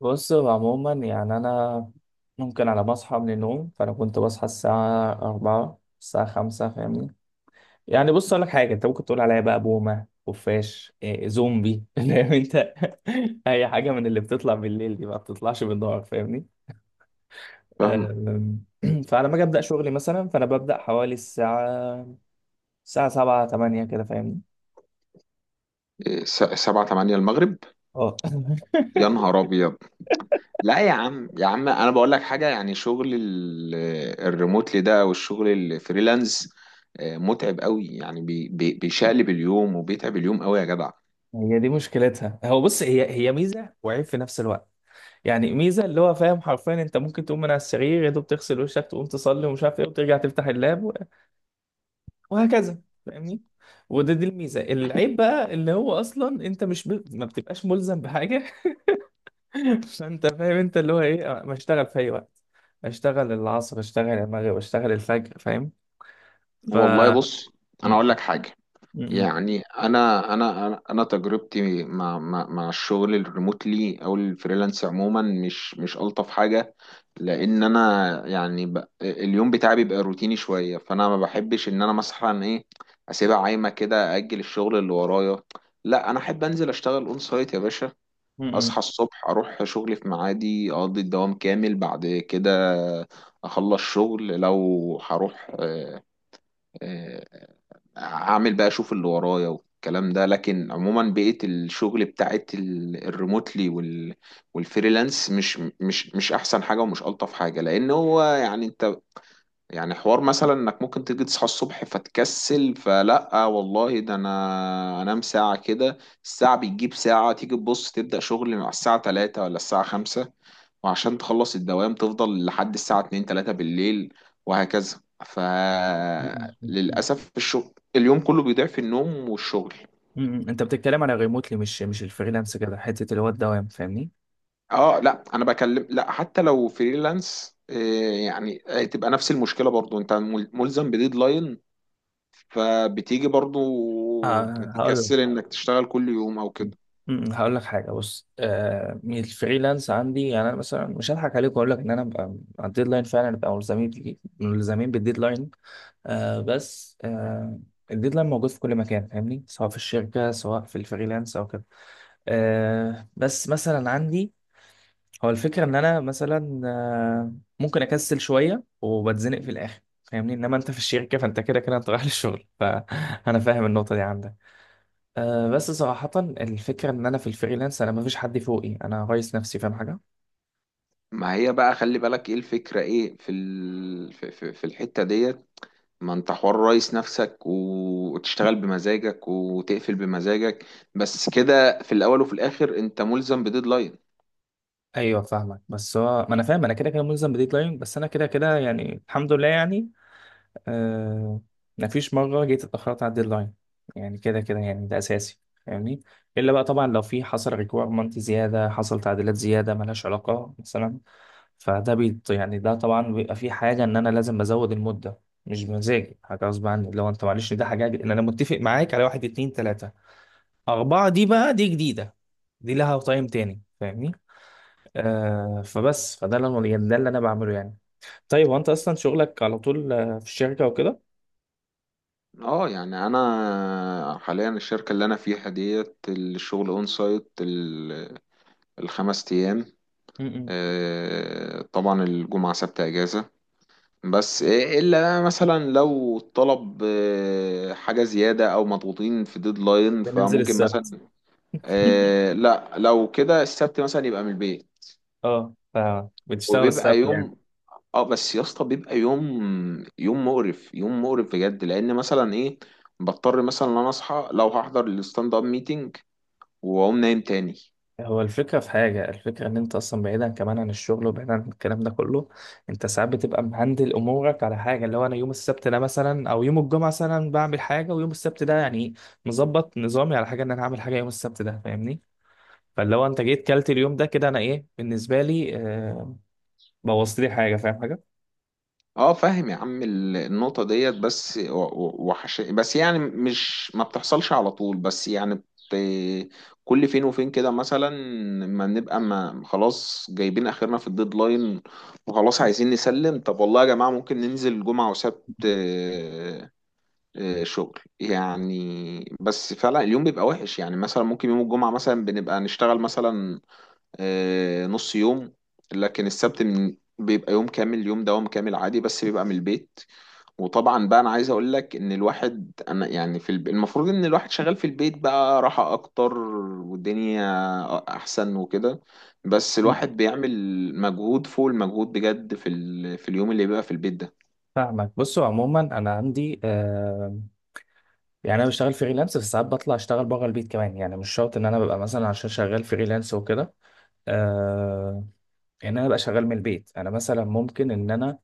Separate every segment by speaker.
Speaker 1: بص هو عموما يعني أنا ممكن على ما أصحى من النوم، فأنا كنت بصحى الساعة أربعة الساعة خمسة فاهمني؟ يعني بص أقول لك حاجة، أنت ممكن تقول عليا بقى بومة، خفاش، إيه، زومبي فاهم أنت؟ أي حاجة من اللي بتطلع بالليل دي ما بتطلعش بالنهار فاهمني؟
Speaker 2: فاهم
Speaker 1: أم، فعلى ما أجي أبدأ شغلي مثلا فأنا ببدأ حوالي الساعة سبعة تمانية كده فاهمني؟
Speaker 2: إيه، سبعة تمانية المغرب؟
Speaker 1: اه
Speaker 2: يا نهار أبيض! لا يا عم يا عم، أنا بقول لك حاجة، يعني شغل الريموتلي ده أو الشغل الفريلانس متعب قوي، يعني بيشقلب اليوم وبيتعب اليوم قوي يا جدع.
Speaker 1: هي دي مشكلتها، هو بص هي ميزة وعيب في نفس الوقت. يعني ميزه اللي هو فاهم، حرفيا انت ممكن تقوم من على السرير يا دوب تغسل وشك، تقوم تصلي ومش عارف ايه، وترجع تفتح اللاب و- وهكذا فاهمني؟ وده دي الميزه. العيب بقى اللي هو اصلا انت مش ب... ما بتبقاش ملزم بحاجه. فانت فاهم انت اللي هو ايه، ما اشتغل في اي وقت، اشتغل العصر، اشتغل المغرب، اشتغل الفجر فاهم؟ ف
Speaker 2: والله بص، أنا
Speaker 1: م-
Speaker 2: أقول لك حاجة،
Speaker 1: م-
Speaker 2: يعني انا انا انا أنا تجربتي مع الشغل الريموتلي او الفريلانس عموما مش الطف حاجه، لان انا يعني اليوم بتاعي بيبقى روتيني شويه، فانا ما بحبش ان انا مثلا ايه اسيبها عايمه كده اجل الشغل اللي ورايا. لا انا احب انزل اشتغل اون سايت يا باشا،
Speaker 1: م-
Speaker 2: اصحى
Speaker 1: م-
Speaker 2: الصبح اروح شغلي في ميعادي، اقضي الدوام كامل، بعد كده اخلص شغل لو هروح آه، اعمل بقى اشوف اللي ورايا والكلام ده. لكن عموما بقية الشغل بتاعت الريموتلي والفريلانس مش احسن حاجة ومش الطف حاجة، لان هو يعني انت، يعني حوار مثلا انك ممكن تيجي تصحى الصبح فتكسل، فلا والله ده انا انام ساعة كده، الساعة بتجيب ساعة تيجي تبص تبدأ شغل مع الساعة 3 ولا الساعة 5، وعشان تخلص الدوام تفضل لحد الساعة 2 3 بالليل وهكذا.
Speaker 1: م-
Speaker 2: فللأسف الشغل اليوم كله بيضيع في النوم والشغل.
Speaker 1: انت بتتكلم على ريموتلي، مش الفريلانس كده، حته اللي هو الدوام فاهمني؟
Speaker 2: اه لا انا بكلم، لا حتى لو فريلانس إيه، يعني إيه، تبقى نفس المشكلة برضو، انت ملزم بديدلاين، فبتيجي برضو
Speaker 1: آه هقول.
Speaker 2: تكسل انك تشتغل كل يوم او كده.
Speaker 1: هقول لك حاجه، بص آه من الفريلانس عندي، يعني انا مثلا مش هضحك عليك واقول لك ان انا ببقى على الديدلاين. فعلا ببقى ملزمين بالديدلاين. آه بس آه الديدلاين موجود في كل مكان فاهمني؟ سواء في الشركه سواء في الفريلانس او كده. آه بس مثلا عندي، هو الفكره ان انا مثلا آه ممكن اكسل شويه وبتزنق في الاخر فاهمني؟ انما انت في الشركه فانت كده كده انت رايح للشغل، فانا فاهم النقطه دي عندك؟ أه بس صراحة الفكرة إن أنا في الفريلانس أنا مفيش حد فوقي، أنا رئيس نفسي فاهم حاجة؟
Speaker 2: ما هي بقى خلي بالك ايه الفكرة، ايه في ال... في في في الحتة ديت؟ ما انت حوار رئيس نفسك وتشتغل بمزاجك وتقفل بمزاجك، بس كده في الاول وفي الاخر انت ملزم بديدلاين.
Speaker 1: أيوه فاهمك، بس هو ما أنا فاهم، أنا كده كده ملزم بديدلاين، بس أنا كده كده يعني الحمد لله يعني أه مفيش مرة جيت اتأخرت على الديدلاين. يعني كده كده يعني ده أساسي، فاهمني؟ إلا بقى طبعا لو في حصل ريكويرمنت زيادة، حصل تعديلات زيادة ملهاش علاقة مثلا، فده بيت يعني ده طبعا بيبقى في حاجة إن أنا لازم بزود المدة. مش بمزاجي، حاجة غصب عني. لو أنت معلش ده حاجة إن أنا متفق معاك على 1 2 3، أربعة دي بقى دي جديدة. دي لها طعم تاني فاهمني؟ آه فبس فده اللي أنا- يعني ده اللي أنا بعمله يعني. طيب وأنت أصلا شغلك على طول آه، في الشركة وكده؟
Speaker 2: اه يعني انا حاليا الشركة اللي انا فيها ديت الشغل اون سايت، الخمس ايام.
Speaker 1: م-م.
Speaker 2: طبعا الجمعة سبت اجازة، بس الا مثلا لو الطلب حاجة زيادة او مضغوطين في ديدلاين
Speaker 1: بننزل
Speaker 2: فممكن مثلا
Speaker 1: السبت؟
Speaker 2: لا لو كده السبت مثلا يبقى من البيت،
Speaker 1: اه ف- بتشتغل
Speaker 2: وبيبقى
Speaker 1: السبت يعني.
Speaker 2: يوم. اه بس يا اسطى بيبقى يوم، يوم مقرف يوم مقرف بجد، لان مثلا ايه بضطر مثلا ان انا اصحى لو هحضر الستاند اب ميتنج واقوم نايم تاني.
Speaker 1: هو الفكرة في حاجة، الفكرة إن أنت أصلا بعيدا كمان عن الشغل وبعيدا عن الكلام ده كله، أنت ساعات بتبقى مهندل أمورك على حاجة اللي هو أنا يوم السبت ده مثلا أو يوم الجمعة مثلا بعمل حاجة، ويوم السبت ده يعني مظبط نظامي على حاجة إن أنا هعمل حاجة يوم السبت ده فاهمني؟ فاللي هو انت جيت كلت اليوم ده كده، انا ايه بالنسبه لي آه، بوظت لي حاجه فاهم حاجه؟
Speaker 2: اه فاهم يا عم، النقطة ديت بس وحش، بس يعني مش ما بتحصلش على طول، بس يعني كل فين وفين كده مثلا، ما خلاص جايبين اخرنا في الديدلاين وخلاص عايزين نسلم، طب والله يا جماعة ممكن ننزل جمعة وسبت شغل يعني. بس فعلا اليوم بيبقى وحش، يعني مثلا ممكن يوم الجمعة مثلا بنبقى نشتغل مثلا نص يوم، لكن السبت من بيبقى يوم كامل، يوم دوام كامل عادي بس بيبقى من البيت. وطبعا بقى انا عايز اقول لك ان الواحد، انا يعني في المفروض ان الواحد شغال في البيت بقى راحة اكتر والدنيا احسن وكده، بس
Speaker 1: مم.
Speaker 2: الواحد بيعمل مجهود فوق المجهود بجد في اليوم اللي بيبقى في البيت
Speaker 1: فاهمك. بصوا عموما انا عندي آه يعني انا بشتغل فريلانس، بس ساعات بطلع اشتغل بره البيت كمان. يعني مش شرط ان انا ببقى مثلا عشان شغال فريلانس وكده آه ان انا ابقى شغال من البيت. انا مثلا ممكن ان انا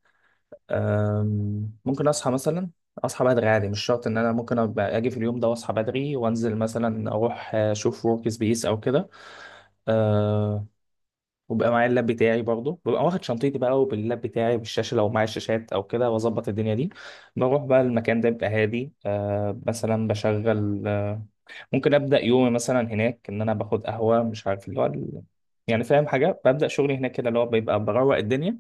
Speaker 1: آه ممكن اصحى مثلا، اصحى بدري عادي. مش شرط ان انا ممكن ابقى اجي في اليوم ده واصحى بدري وانزل مثلا اروح آه، اشوف ورك سبيس او كده. آه، وبقى معايا اللاب بتاعي برضه، ببقى واخد شنطتي بقى وباللاب بتاعي بالشاشه لو معايا الشاشات او كده، واظبط الدنيا دي. بروح بقى المكان ده بيبقى هادي آه، مثلا بشغل آه ممكن ابدا يومي مثلا هناك ان انا باخد قهوه مش عارف اللي هو ال- يعني فاهم حاجه؟ ببدا شغلي هناك كده اللي هو بيبقى بروق الدنيا،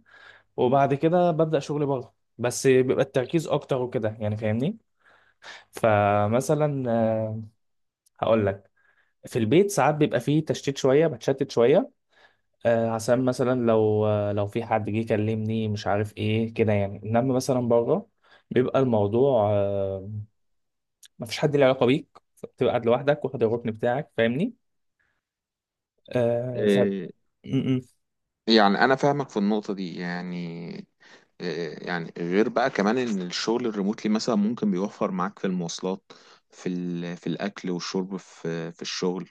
Speaker 1: وبعد كده ببدا شغلي بره بس بيبقى التركيز اكتر وكده يعني فاهمني؟ فمثلا آه، هقول لك، في البيت ساعات بيبقى فيه تشتيت شويه، بتشتت شويه آه، عشان مثلا لو آه، لو في حد جه يكلمني مش عارف ايه كده يعني. انما مثلا بره بيبقى الموضوع آه، مفيش حد له علاقه بيك، بتبقى قاعد لوحدك واخد الركن بتاعك فاهمني؟ آه ف
Speaker 2: ده.
Speaker 1: م-م.
Speaker 2: يعني انا فاهمك في النقطه دي، يعني يعني غير بقى كمان ان الشغل الريموتلي مثلا ممكن بيوفر معاك في المواصلات، في في الاكل والشرب، في الشغل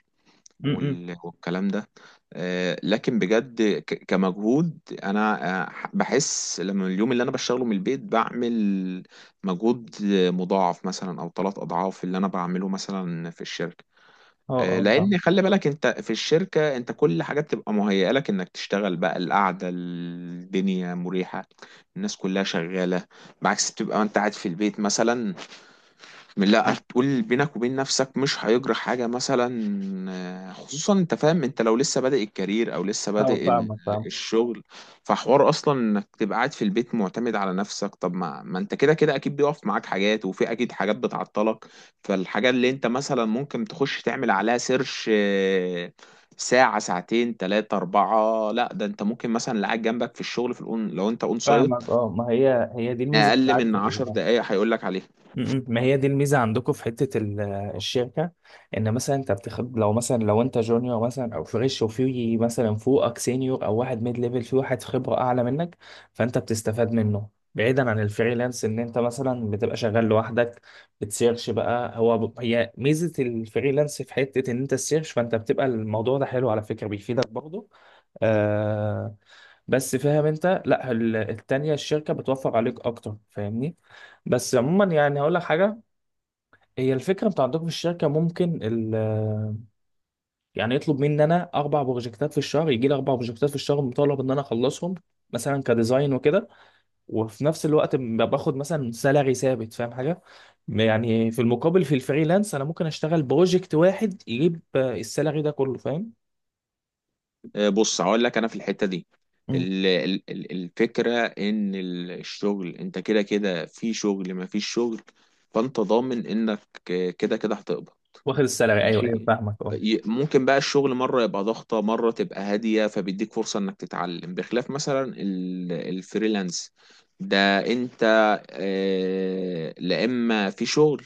Speaker 1: م-م.
Speaker 2: والكلام ده. لكن بجد كمجهود، انا بحس لما اليوم اللي انا بشتغله من البيت بعمل مجهود مضاعف مثلا او ثلاث اضعاف اللي انا بعمله مثلا في الشركه.
Speaker 1: اه اه فاهم.
Speaker 2: لان خلي بالك انت في الشركه انت كل حاجه بتبقى مهيئه لك انك تشتغل، بقى القعده الدنيا مريحه، الناس كلها شغاله، بعكس بتبقى انت قاعد في البيت مثلا، لا هتقول بينك وبين نفسك مش هيجرى حاجة مثلا. خصوصا انت فاهم، انت لو لسه بادئ الكارير او لسه
Speaker 1: اه
Speaker 2: بادئ
Speaker 1: فاهمك فاهم.
Speaker 2: الشغل، فحوار اصلا انك تبقى قاعد في البيت معتمد على نفسك، طب ما انت كده كده اكيد بيقف معاك حاجات وفي اكيد حاجات بتعطلك. فالحاجة اللي انت مثلا ممكن تخش تعمل عليها سيرش ساعة ساعتين تلاتة أربعة، لا ده انت ممكن مثلا اللي قاعد جنبك في الشغل في الأون لو انت اون سايت
Speaker 1: فاهمك اه. ما هي هي دي الميزه
Speaker 2: أقل
Speaker 1: بتاعت
Speaker 2: من 10 دقايق هيقول لك عليها.
Speaker 1: م-م. ما هي دي الميزه عندكم في حته ال- الشركه، ان مثلا انت بتاخد لو مثلا لو انت جونيور مثلا او فريش، وفي مثلا فوقك سينيور او واحد ميد ليفل، في واحد خبره اعلى منك فانت بتستفاد منه. بعيدا عن الفريلانس ان انت مثلا بتبقى شغال لوحدك، بتسيرش بقى. هو ب... هي ميزه الفريلانس في حته ان انت السيرش، فانت بتبقى الموضوع ده حلو على فكره بيفيدك برضه آه، بس فاهم انت، لا ال- التانيه الشركه بتوفر عليك اكتر فاهمني؟ بس عموما يعني هقول لك حاجه، هي الفكره انتوا عندكم في الشركه ممكن ال يعني يطلب مني ان انا 4 بروجكتات في الشهر، يجي لي 4 بروجكتات في الشهر مطالب ان انا اخلصهم مثلا كديزاين وكده. وفي نفس الوقت ب- باخد مثلا سالاري ثابت فاهم حاجه؟ يعني في المقابل في الفريلانس انا ممكن اشتغل بروجكت واحد يجيب آه، السالاري ده كله فاهم؟
Speaker 2: بص هقول لك، انا في الحته دي
Speaker 1: مم.
Speaker 2: الفكره ان الشغل، انت كده كده في شغل ما فيش شغل، فانت ضامن انك كده كده هتقبض
Speaker 1: واخد السالاري، ايوه ايوه
Speaker 2: ماشي.
Speaker 1: فاهمك اه.
Speaker 2: ممكن بقى الشغل مرة يبقى ضغطة مرة تبقى هادية، فبيديك فرصة انك تتعلم بخلاف مثلا الفريلانس ده، انت لا اما في شغل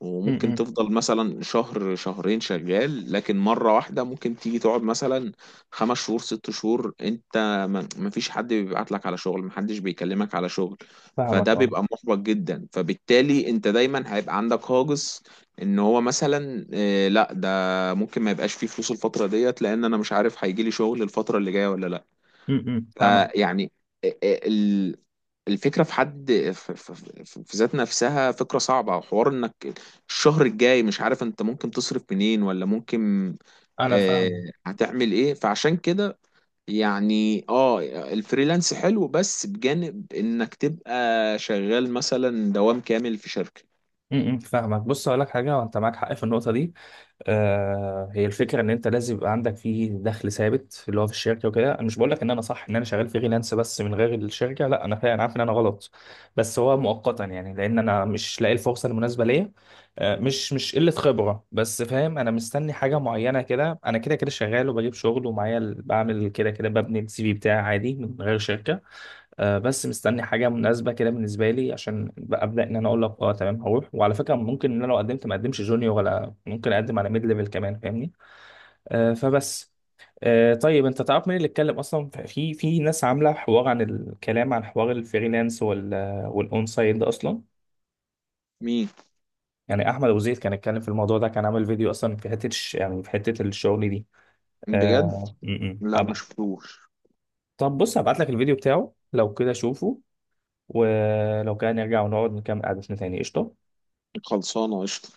Speaker 2: وممكن
Speaker 1: امم
Speaker 2: تفضل مثلا شهر شهرين شغال، لكن مرة واحدة ممكن تيجي تقعد مثلا 5 شهور 6 شهور، انت ما فيش حد بيبعت لك على شغل، ما حدش بيكلمك على شغل.
Speaker 1: فاهمك
Speaker 2: فده
Speaker 1: اه.
Speaker 2: بيبقى محبط جدا، فبالتالي انت دايما هيبقى عندك هاجس ان هو مثلا لا ده ممكن ما يبقاش فيه فلوس الفتره ديت، لان انا مش عارف هيجي لي شغل الفتره اللي جايه ولا لا.
Speaker 1: فاهمك.
Speaker 2: فيعني آه، آه، ال- الفكره في حد، في ذات نفسها فكره صعبه، وحوار انك الشهر الجاي مش عارف انت ممكن تصرف منين ولا ممكن
Speaker 1: انا
Speaker 2: آه،
Speaker 1: فاهمك.
Speaker 2: هتعمل ايه، فعشان كده يعني اه الفريلانس حلو بس بجانب انك تبقى شغال مثلا دوام كامل في شركه.
Speaker 1: فاهمك. بص اقول لك حاجه، وانت معاك حق في النقطه دي آه. هي الفكره ان انت لازم يبقى عندك فيه دخل ثابت اللي هو في الشركه وكده. انا مش بقول لك ان انا صح ان انا شغال فريلانس بس من غير الشركه، لا انا فعلا عارف ان انا غلط. بس هو مؤقتا يعني، لان انا مش لاقي الفرصه المناسبه ليا. آه مش قله خبره، بس فاهم، انا مستني حاجه معينه كده. انا كده كده شغال وبجيب شغل ومعايا ال- بعمل كده كده، ببني السي في بتاعي عادي من غير شركه آه، بس مستني حاجه مناسبه كده بالنسبه لي، عشان بقى ابدا ان انا اقول لك اه تمام هروح. وعلى فكره ممكن ان انا لو قدمت ما اقدمش جونيور، ولا ممكن اقدم على ميد ليفل كمان فاهمني؟ آه، فبس آه، طيب انت تعرف مين اللي اتكلم اصلا؟ في في ناس عامله حوار عن الكلام عن حوار الفريلانس وال والاون سايد ده اصلا.
Speaker 2: مين؟
Speaker 1: يعني احمد ابو زيد كان اتكلم في الموضوع ده، كان عامل فيديو اصلا في حته الش- يعني في حته الشغل دي.
Speaker 2: بجد؟
Speaker 1: آه م- م.
Speaker 2: لا ما
Speaker 1: أب-
Speaker 2: شفتوش.
Speaker 1: طب بص هبعت لك الفيديو بتاعه، لو كده شوفه، ولو كان نرجع ونقعد نكمل قعدتنا تاني قشطه.
Speaker 2: خلصانة قشطة.